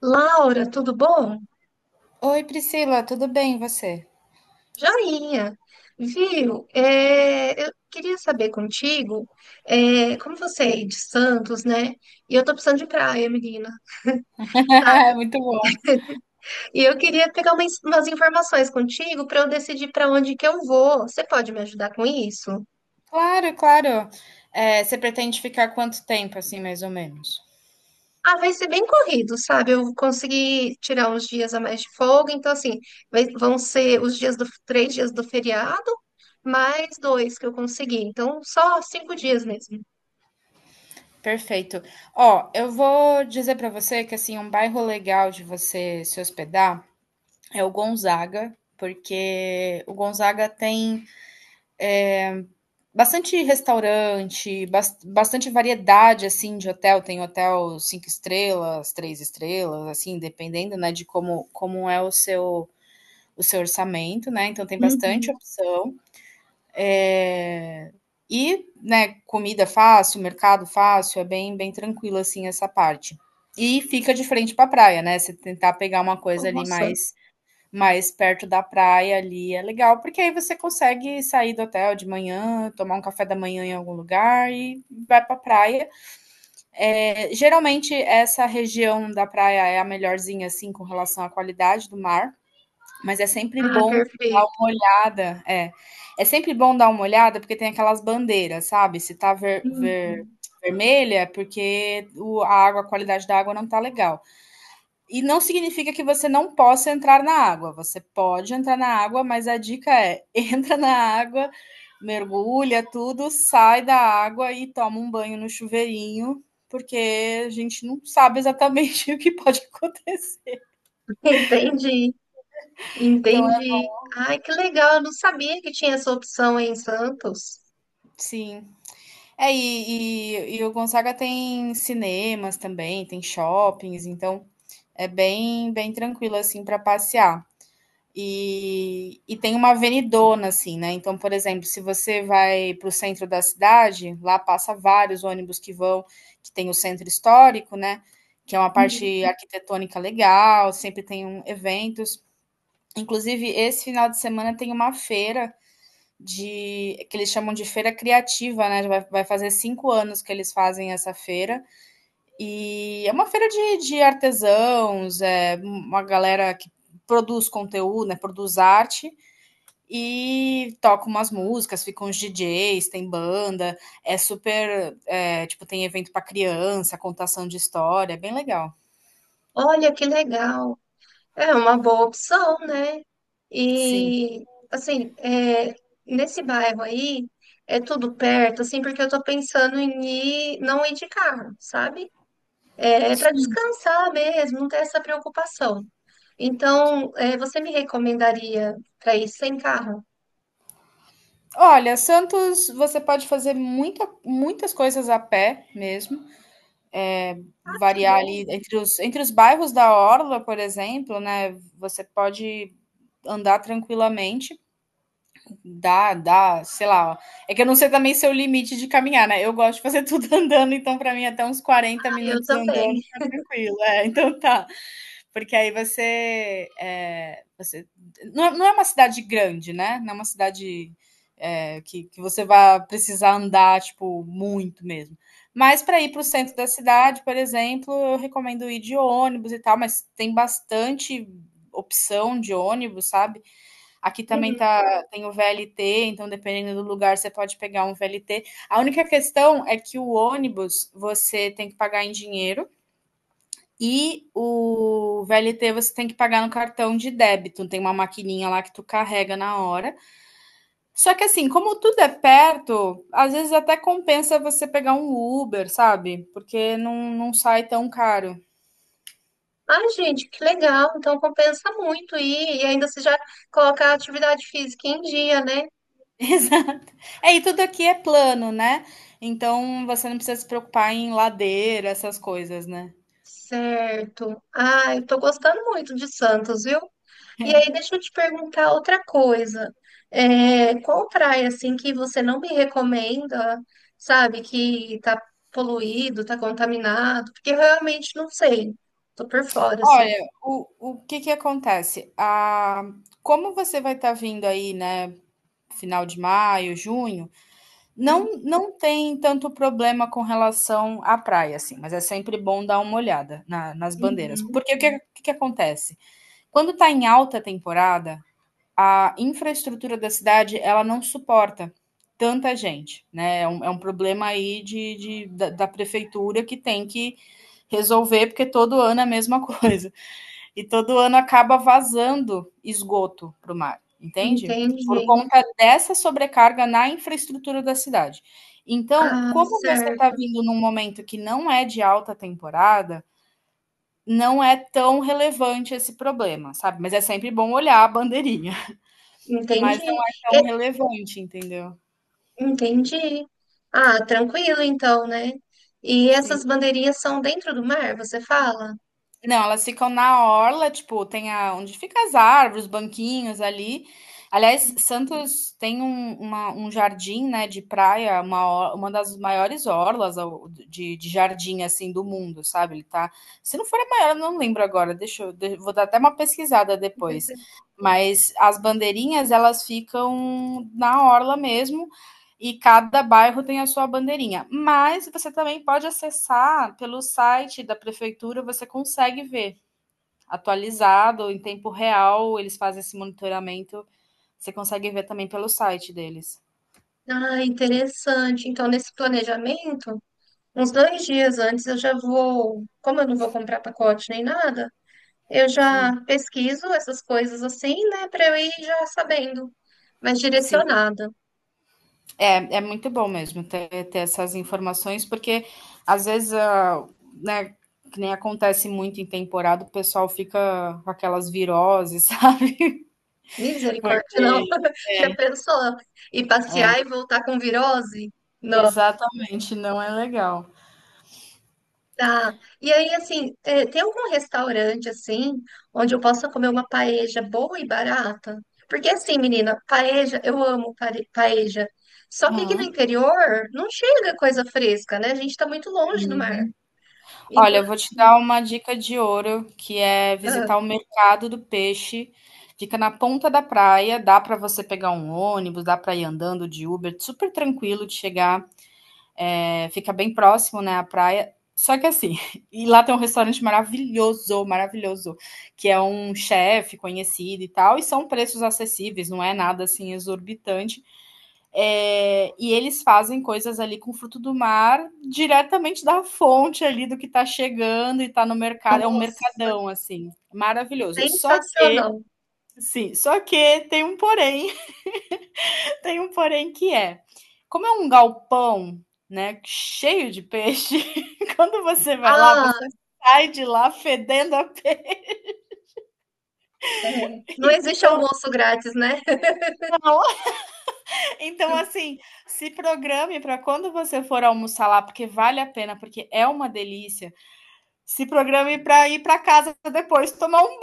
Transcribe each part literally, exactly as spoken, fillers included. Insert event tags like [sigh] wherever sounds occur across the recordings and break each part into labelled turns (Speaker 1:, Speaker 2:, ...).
Speaker 1: Laura, tudo bom?
Speaker 2: Oi, Priscila, tudo bem e você?
Speaker 1: Joinha. Viu? É, eu queria saber contigo, é, como você é de Santos, né? E eu tô precisando de praia, menina.
Speaker 2: [laughs] Muito bom.
Speaker 1: E eu queria pegar umas, umas informações contigo para eu decidir para onde que eu vou. Você pode me ajudar com isso?
Speaker 2: Claro, claro. É, você pretende ficar quanto tempo, assim, mais ou menos?
Speaker 1: Ah, vai ser bem corrido, sabe? Eu consegui tirar uns dias a mais de folga, então assim, vai- vão ser os dias do, três dias do feriado, mais dois que eu consegui. Então, só cinco dias mesmo.
Speaker 2: Perfeito. Ó, eu vou dizer para você que assim um bairro legal de você se hospedar é o Gonzaga, porque o Gonzaga tem bastante restaurante, bas- bastante variedade assim de hotel. Tem hotel cinco estrelas, três estrelas, assim, dependendo, né, de como como é o seu o seu orçamento, né? Então tem bastante
Speaker 1: Uhum.
Speaker 2: opção. É, e, né, comida fácil, mercado fácil, é bem, bem tranquilo assim essa parte. E fica de frente para a praia, né? Você tentar pegar uma coisa ali
Speaker 1: Nossa,
Speaker 2: mais mais perto da praia ali é legal, porque aí você consegue sair do hotel de manhã, tomar um café da manhã em algum lugar e vai para a praia. É, geralmente essa região da praia é a melhorzinha assim com relação à qualidade do mar. Mas é sempre
Speaker 1: ah,
Speaker 2: bom dar uma
Speaker 1: perfeito.
Speaker 2: olhada, é. É sempre bom dar uma olhada porque tem aquelas bandeiras, sabe? Se tá ver,
Speaker 1: Hum.
Speaker 2: ver- vermelha é porque o, a água, a qualidade da água não tá legal. E não significa que você não possa entrar na água. Você pode entrar na água, mas a dica é: [laughs] entra na água, mergulha tudo, sai da água e toma um banho no chuveirinho, porque a gente não sabe exatamente [laughs] o que pode [laughs] acontecer.
Speaker 1: Entendi,
Speaker 2: Então, é,
Speaker 1: entendi. Ai, que legal, eu não sabia que tinha essa opção em Santos.
Speaker 2: sim. É, e, e, e o Gonzaga tem cinemas também, tem shoppings, então é bem, bem tranquilo assim para passear. E, e tem uma avenidona, assim, né? Então, por exemplo, se você vai para o centro da cidade, lá passa vários ônibus que vão, que tem o centro histórico, né? Que é uma
Speaker 1: Uhum.
Speaker 2: parte arquitetônica legal, sempre tem um, eventos. Inclusive, esse final de semana tem uma feira de que eles chamam de feira criativa, né? Vai, vai fazer cinco anos que eles fazem essa feira e é uma feira de, de artesãos, é uma galera que produz conteúdo, né? Produz arte e toca umas músicas, ficam os D Js, tem banda, é super, é, tipo tem evento para criança, contação de história, é bem legal.
Speaker 1: Olha que legal. É uma boa opção, né?
Speaker 2: Sim.
Speaker 1: E, assim, é, nesse bairro aí, é tudo perto, assim, porque eu tô pensando em ir, não ir de carro, sabe? É, para descansar mesmo, não ter essa preocupação. Então, é, você me recomendaria para ir sem carro?
Speaker 2: Olha, Santos, você pode fazer muita, muitas coisas a pé mesmo.
Speaker 1: Ah, que
Speaker 2: Variar
Speaker 1: bom.
Speaker 2: ali entre os entre os bairros da orla, por exemplo, né, você pode andar tranquilamente, dá dá, sei lá, ó. É que eu não sei também seu limite de caminhar, né, eu gosto de fazer [laughs] tudo andando, então para mim até uns quarenta
Speaker 1: Eu
Speaker 2: minutos
Speaker 1: também.
Speaker 2: andando tá tranquilo. É, então tá, porque aí você, é, você não, é, não, é uma cidade grande, né? Não é uma cidade é, que, que você vai precisar andar tipo muito mesmo. Mas para ir para o centro da cidade, por exemplo, eu recomendo ir de ônibus e tal, mas tem bastante opção de ônibus, sabe? Aqui também
Speaker 1: Uhum.
Speaker 2: tá, tem o V L T, então dependendo do lugar você pode pegar um V L T. A única questão é que o ônibus você tem que pagar em dinheiro. E o V L T você tem que pagar no cartão de débito, tem uma maquininha lá que tu carrega na hora. Só que assim, como tudo é perto, às vezes até compensa você pegar um Uber, sabe? Porque não, não sai tão caro.
Speaker 1: Ai, gente, que legal. Então compensa muito ir e ainda se já colocar a atividade física em dia, né?
Speaker 2: [laughs] Exato. É, e tudo aqui é plano, né? Então você não precisa se preocupar em ladeira, essas coisas, né?
Speaker 1: Certo. Ai, eu tô gostando muito de Santos, viu? E aí, deixa eu te perguntar outra coisa. É, qual praia, assim, que você não me recomenda, sabe, que tá poluído, tá contaminado? Porque eu realmente não sei. Tô por fora, assim.
Speaker 2: Olha, o, o que que acontece? Ah, como você vai estar vindo aí, né? Final de maio, junho, não não tem tanto problema com relação à praia, assim, mas é sempre bom dar uma olhada na nas bandeiras,
Speaker 1: Uhum.
Speaker 2: porque o que o que que acontece? Quando está em alta temporada, a infraestrutura da cidade, ela não suporta tanta gente, né, é um é um problema aí de de da da prefeitura que tem que resolver, porque todo ano é a mesma [laughs] coisa e todo ano acaba vazando esgoto para o mar, entende? Por
Speaker 1: Entendi.
Speaker 2: conta dessa sobrecarga na infraestrutura da cidade. Então,
Speaker 1: Ah,
Speaker 2: como você está
Speaker 1: certo.
Speaker 2: vindo num momento que não é de alta temporada, não é tão relevante esse problema, sabe? Mas é sempre bom olhar a bandeirinha,
Speaker 1: Entendi.
Speaker 2: mas não é tão relevante, entendeu?
Speaker 1: Entendi. Ah, tranquilo então, né? E
Speaker 2: Sim.
Speaker 1: essas bandeirinhas são dentro do mar, você fala?
Speaker 2: Não, elas ficam na orla, tipo, tem a, onde fica as árvores, os banquinhos ali. Aliás, Santos tem um, uma- um jardim, né, de praia, uma, or- uma das maiores orlas ao- de, de jardim, assim, do mundo, sabe? Ele tá, se não for a maior, eu não lembro agora, deixa eu, de- vou dar até uma pesquisada depois. Mas as bandeirinhas, elas ficam na orla mesmo, e cada bairro tem a sua bandeirinha. Mas você também pode acessar pelo site da prefeitura, você consegue ver atualizado, em tempo real, eles fazem esse monitoramento. Você consegue ver também pelo site deles.
Speaker 1: Ah, interessante. Então, nesse planejamento, uns dois dias antes eu já vou, como eu não vou comprar pacote nem nada, eu
Speaker 2: Sim,
Speaker 1: já pesquiso essas coisas assim, né, para eu ir já sabendo, mas
Speaker 2: sim.
Speaker 1: direcionada.
Speaker 2: É, é muito bom mesmo ter, ter essas informações, porque às vezes, ah, né, que nem acontece muito em temporada, o pessoal fica com aquelas viroses, [laughs] sabe? Foi.
Speaker 1: Misericórdia, não. [laughs] Já pensou? E
Speaker 2: É,
Speaker 1: passear e voltar com virose?
Speaker 2: exatamente, não é legal.
Speaker 1: Tá. E aí, assim, é, tem algum restaurante, assim, onde eu possa comer uma paeja boa e barata? Porque, assim, menina, paeja, eu amo pare- paeja. Só que aqui no
Speaker 2: Aham.
Speaker 1: interior não chega coisa fresca, né? A gente tá muito longe do mar. Então,
Speaker 2: Olha, eu vou te
Speaker 1: assim,
Speaker 2: dar uma dica de ouro, que é
Speaker 1: ah,
Speaker 2: visitar o mercado do peixe. Fica na ponta da praia, dá para você pegar um ônibus, dá para ir andando de Uber, super tranquilo de chegar, eh, fica bem próximo, né, à praia. Só que assim, [laughs] e lá tem um restaurante maravilhoso, maravilhoso, que é um chefe conhecido e tal, e são preços acessíveis, não é nada assim exorbitante. É, e eles fazem coisas ali com fruto do mar diretamente da fonte ali do que está chegando e está no mercado. É um
Speaker 1: nossa,
Speaker 2: mercadão, assim, maravilhoso. Só que,
Speaker 1: sensacional.
Speaker 2: sim, só que tem um porém, [laughs] tem um porém que é, como é um galpão, né, cheio de peixe, [laughs] quando você vai lá,
Speaker 1: Ah,
Speaker 2: você sai de lá fedendo a pena.
Speaker 1: é. Não existe almoço grátis, né?
Speaker 2: Então,
Speaker 1: [laughs]
Speaker 2: assim, se programe para quando você for almoçar lá, porque vale a pena, porque é uma delícia. Se programe para ir para casa depois tomar um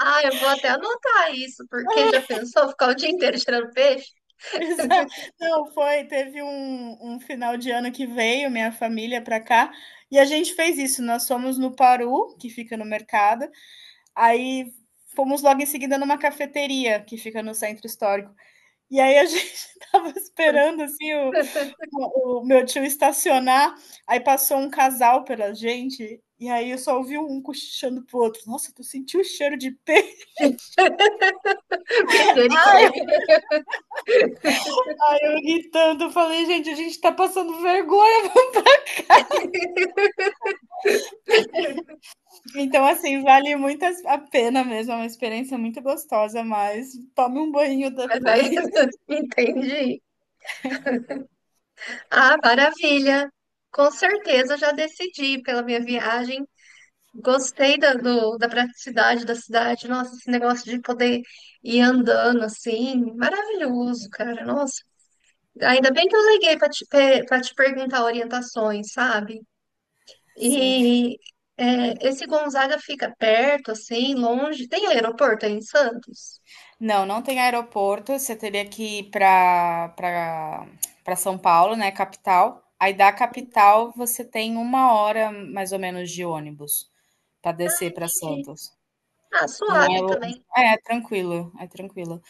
Speaker 1: Ah, eu vou até anotar isso, porque já pensou ficar o dia inteiro tirando peixe?
Speaker 2: [laughs] banho. Não, foi. Teve um, um final de ano que veio minha família para cá e a gente fez isso. Nós fomos no Paru, que fica no mercado, aí fomos logo em seguida numa cafeteria que fica no centro histórico. E aí a [laughs] gente tava esperando assim o,
Speaker 1: [laughs]
Speaker 2: o, o meu tio estacionar, aí passou um casal pela gente e aí eu só ouvi um cochichando pro outro. Nossa, tu sentiu o cheiro de peixe?
Speaker 1: Misericórdia.
Speaker 2: Eu gritando, falei, gente, a gente tá passando vergonha. Então, assim, vale muito a pena mesmo, é uma experiência muito gostosa, mas tome um banho
Speaker 1: Mas vai.
Speaker 2: depois.
Speaker 1: Entendi. Ah, maravilha. Com certeza já decidi pela minha viagem. Gostei da, do- da praticidade da cidade. Nossa, esse negócio de poder ir andando assim, maravilhoso, cara. Nossa, ainda bem que eu liguei para te, para te perguntar orientações, sabe?
Speaker 2: [laughs] Sim.
Speaker 1: E é, esse Gonzaga fica perto, assim, longe. Tem aeroporto aí em Santos?
Speaker 2: Não, não tem aeroporto, você teria que ir pra, pra, pra São Paulo, né, capital. Aí da capital você tem uma hora mais ou menos de ônibus pra
Speaker 1: Ah,
Speaker 2: descer pra
Speaker 1: entendi.
Speaker 2: Santos.
Speaker 1: Ah,
Speaker 2: Não é
Speaker 1: suave
Speaker 2: longe.
Speaker 1: também.
Speaker 2: É, é tranquilo, é tranquilo.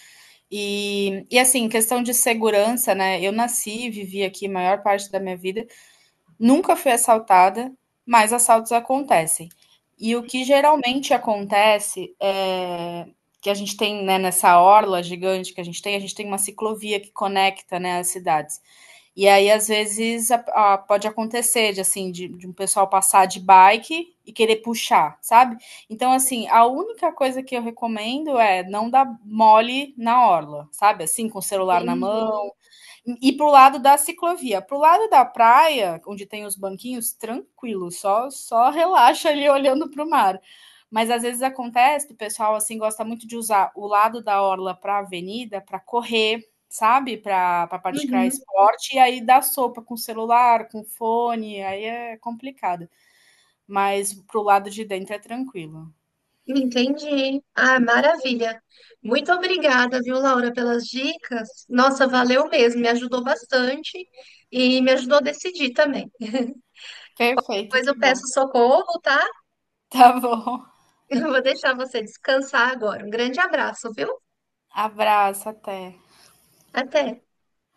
Speaker 2: E, e assim, questão de segurança, né? Eu nasci e vivi aqui a maior parte da minha vida, nunca fui assaltada, mas assaltos acontecem. E o que geralmente acontece é que a gente tem, né, nessa orla gigante que a gente tem, a gente tem uma ciclovia que conecta, né, as cidades. E aí, às vezes, a- a- pode acontecer de, assim, de, de um pessoal passar de bike e querer puxar, sabe? Então, assim, a única coisa que eu recomendo é não dar mole na orla, sabe? Assim, com o celular na
Speaker 1: Entendi.
Speaker 2: mão. E para o lado da ciclovia. Para o lado da praia, onde tem os banquinhos, tranquilo, só, só relaxa ali olhando para o mar. Mas às vezes acontece, o pessoal assim gosta muito de usar o lado da orla para a avenida, para correr, sabe? Para praticar
Speaker 1: Uhum.
Speaker 2: esporte, e aí dá sopa com celular, com fone, aí é complicado. Mas pro lado de dentro é tranquilo.
Speaker 1: Entendi. Ah, maravilha. Muito obrigada, viu, Laura, pelas dicas. Nossa, valeu mesmo, me ajudou bastante e me ajudou a decidir também.
Speaker 2: Perfeito,
Speaker 1: Depois
Speaker 2: que
Speaker 1: eu
Speaker 2: bom.
Speaker 1: peço socorro, tá? [laughs]
Speaker 2: Tá bom.
Speaker 1: Eu vou deixar você descansar agora. Um grande abraço, viu?
Speaker 2: Abraço, até.
Speaker 1: Até.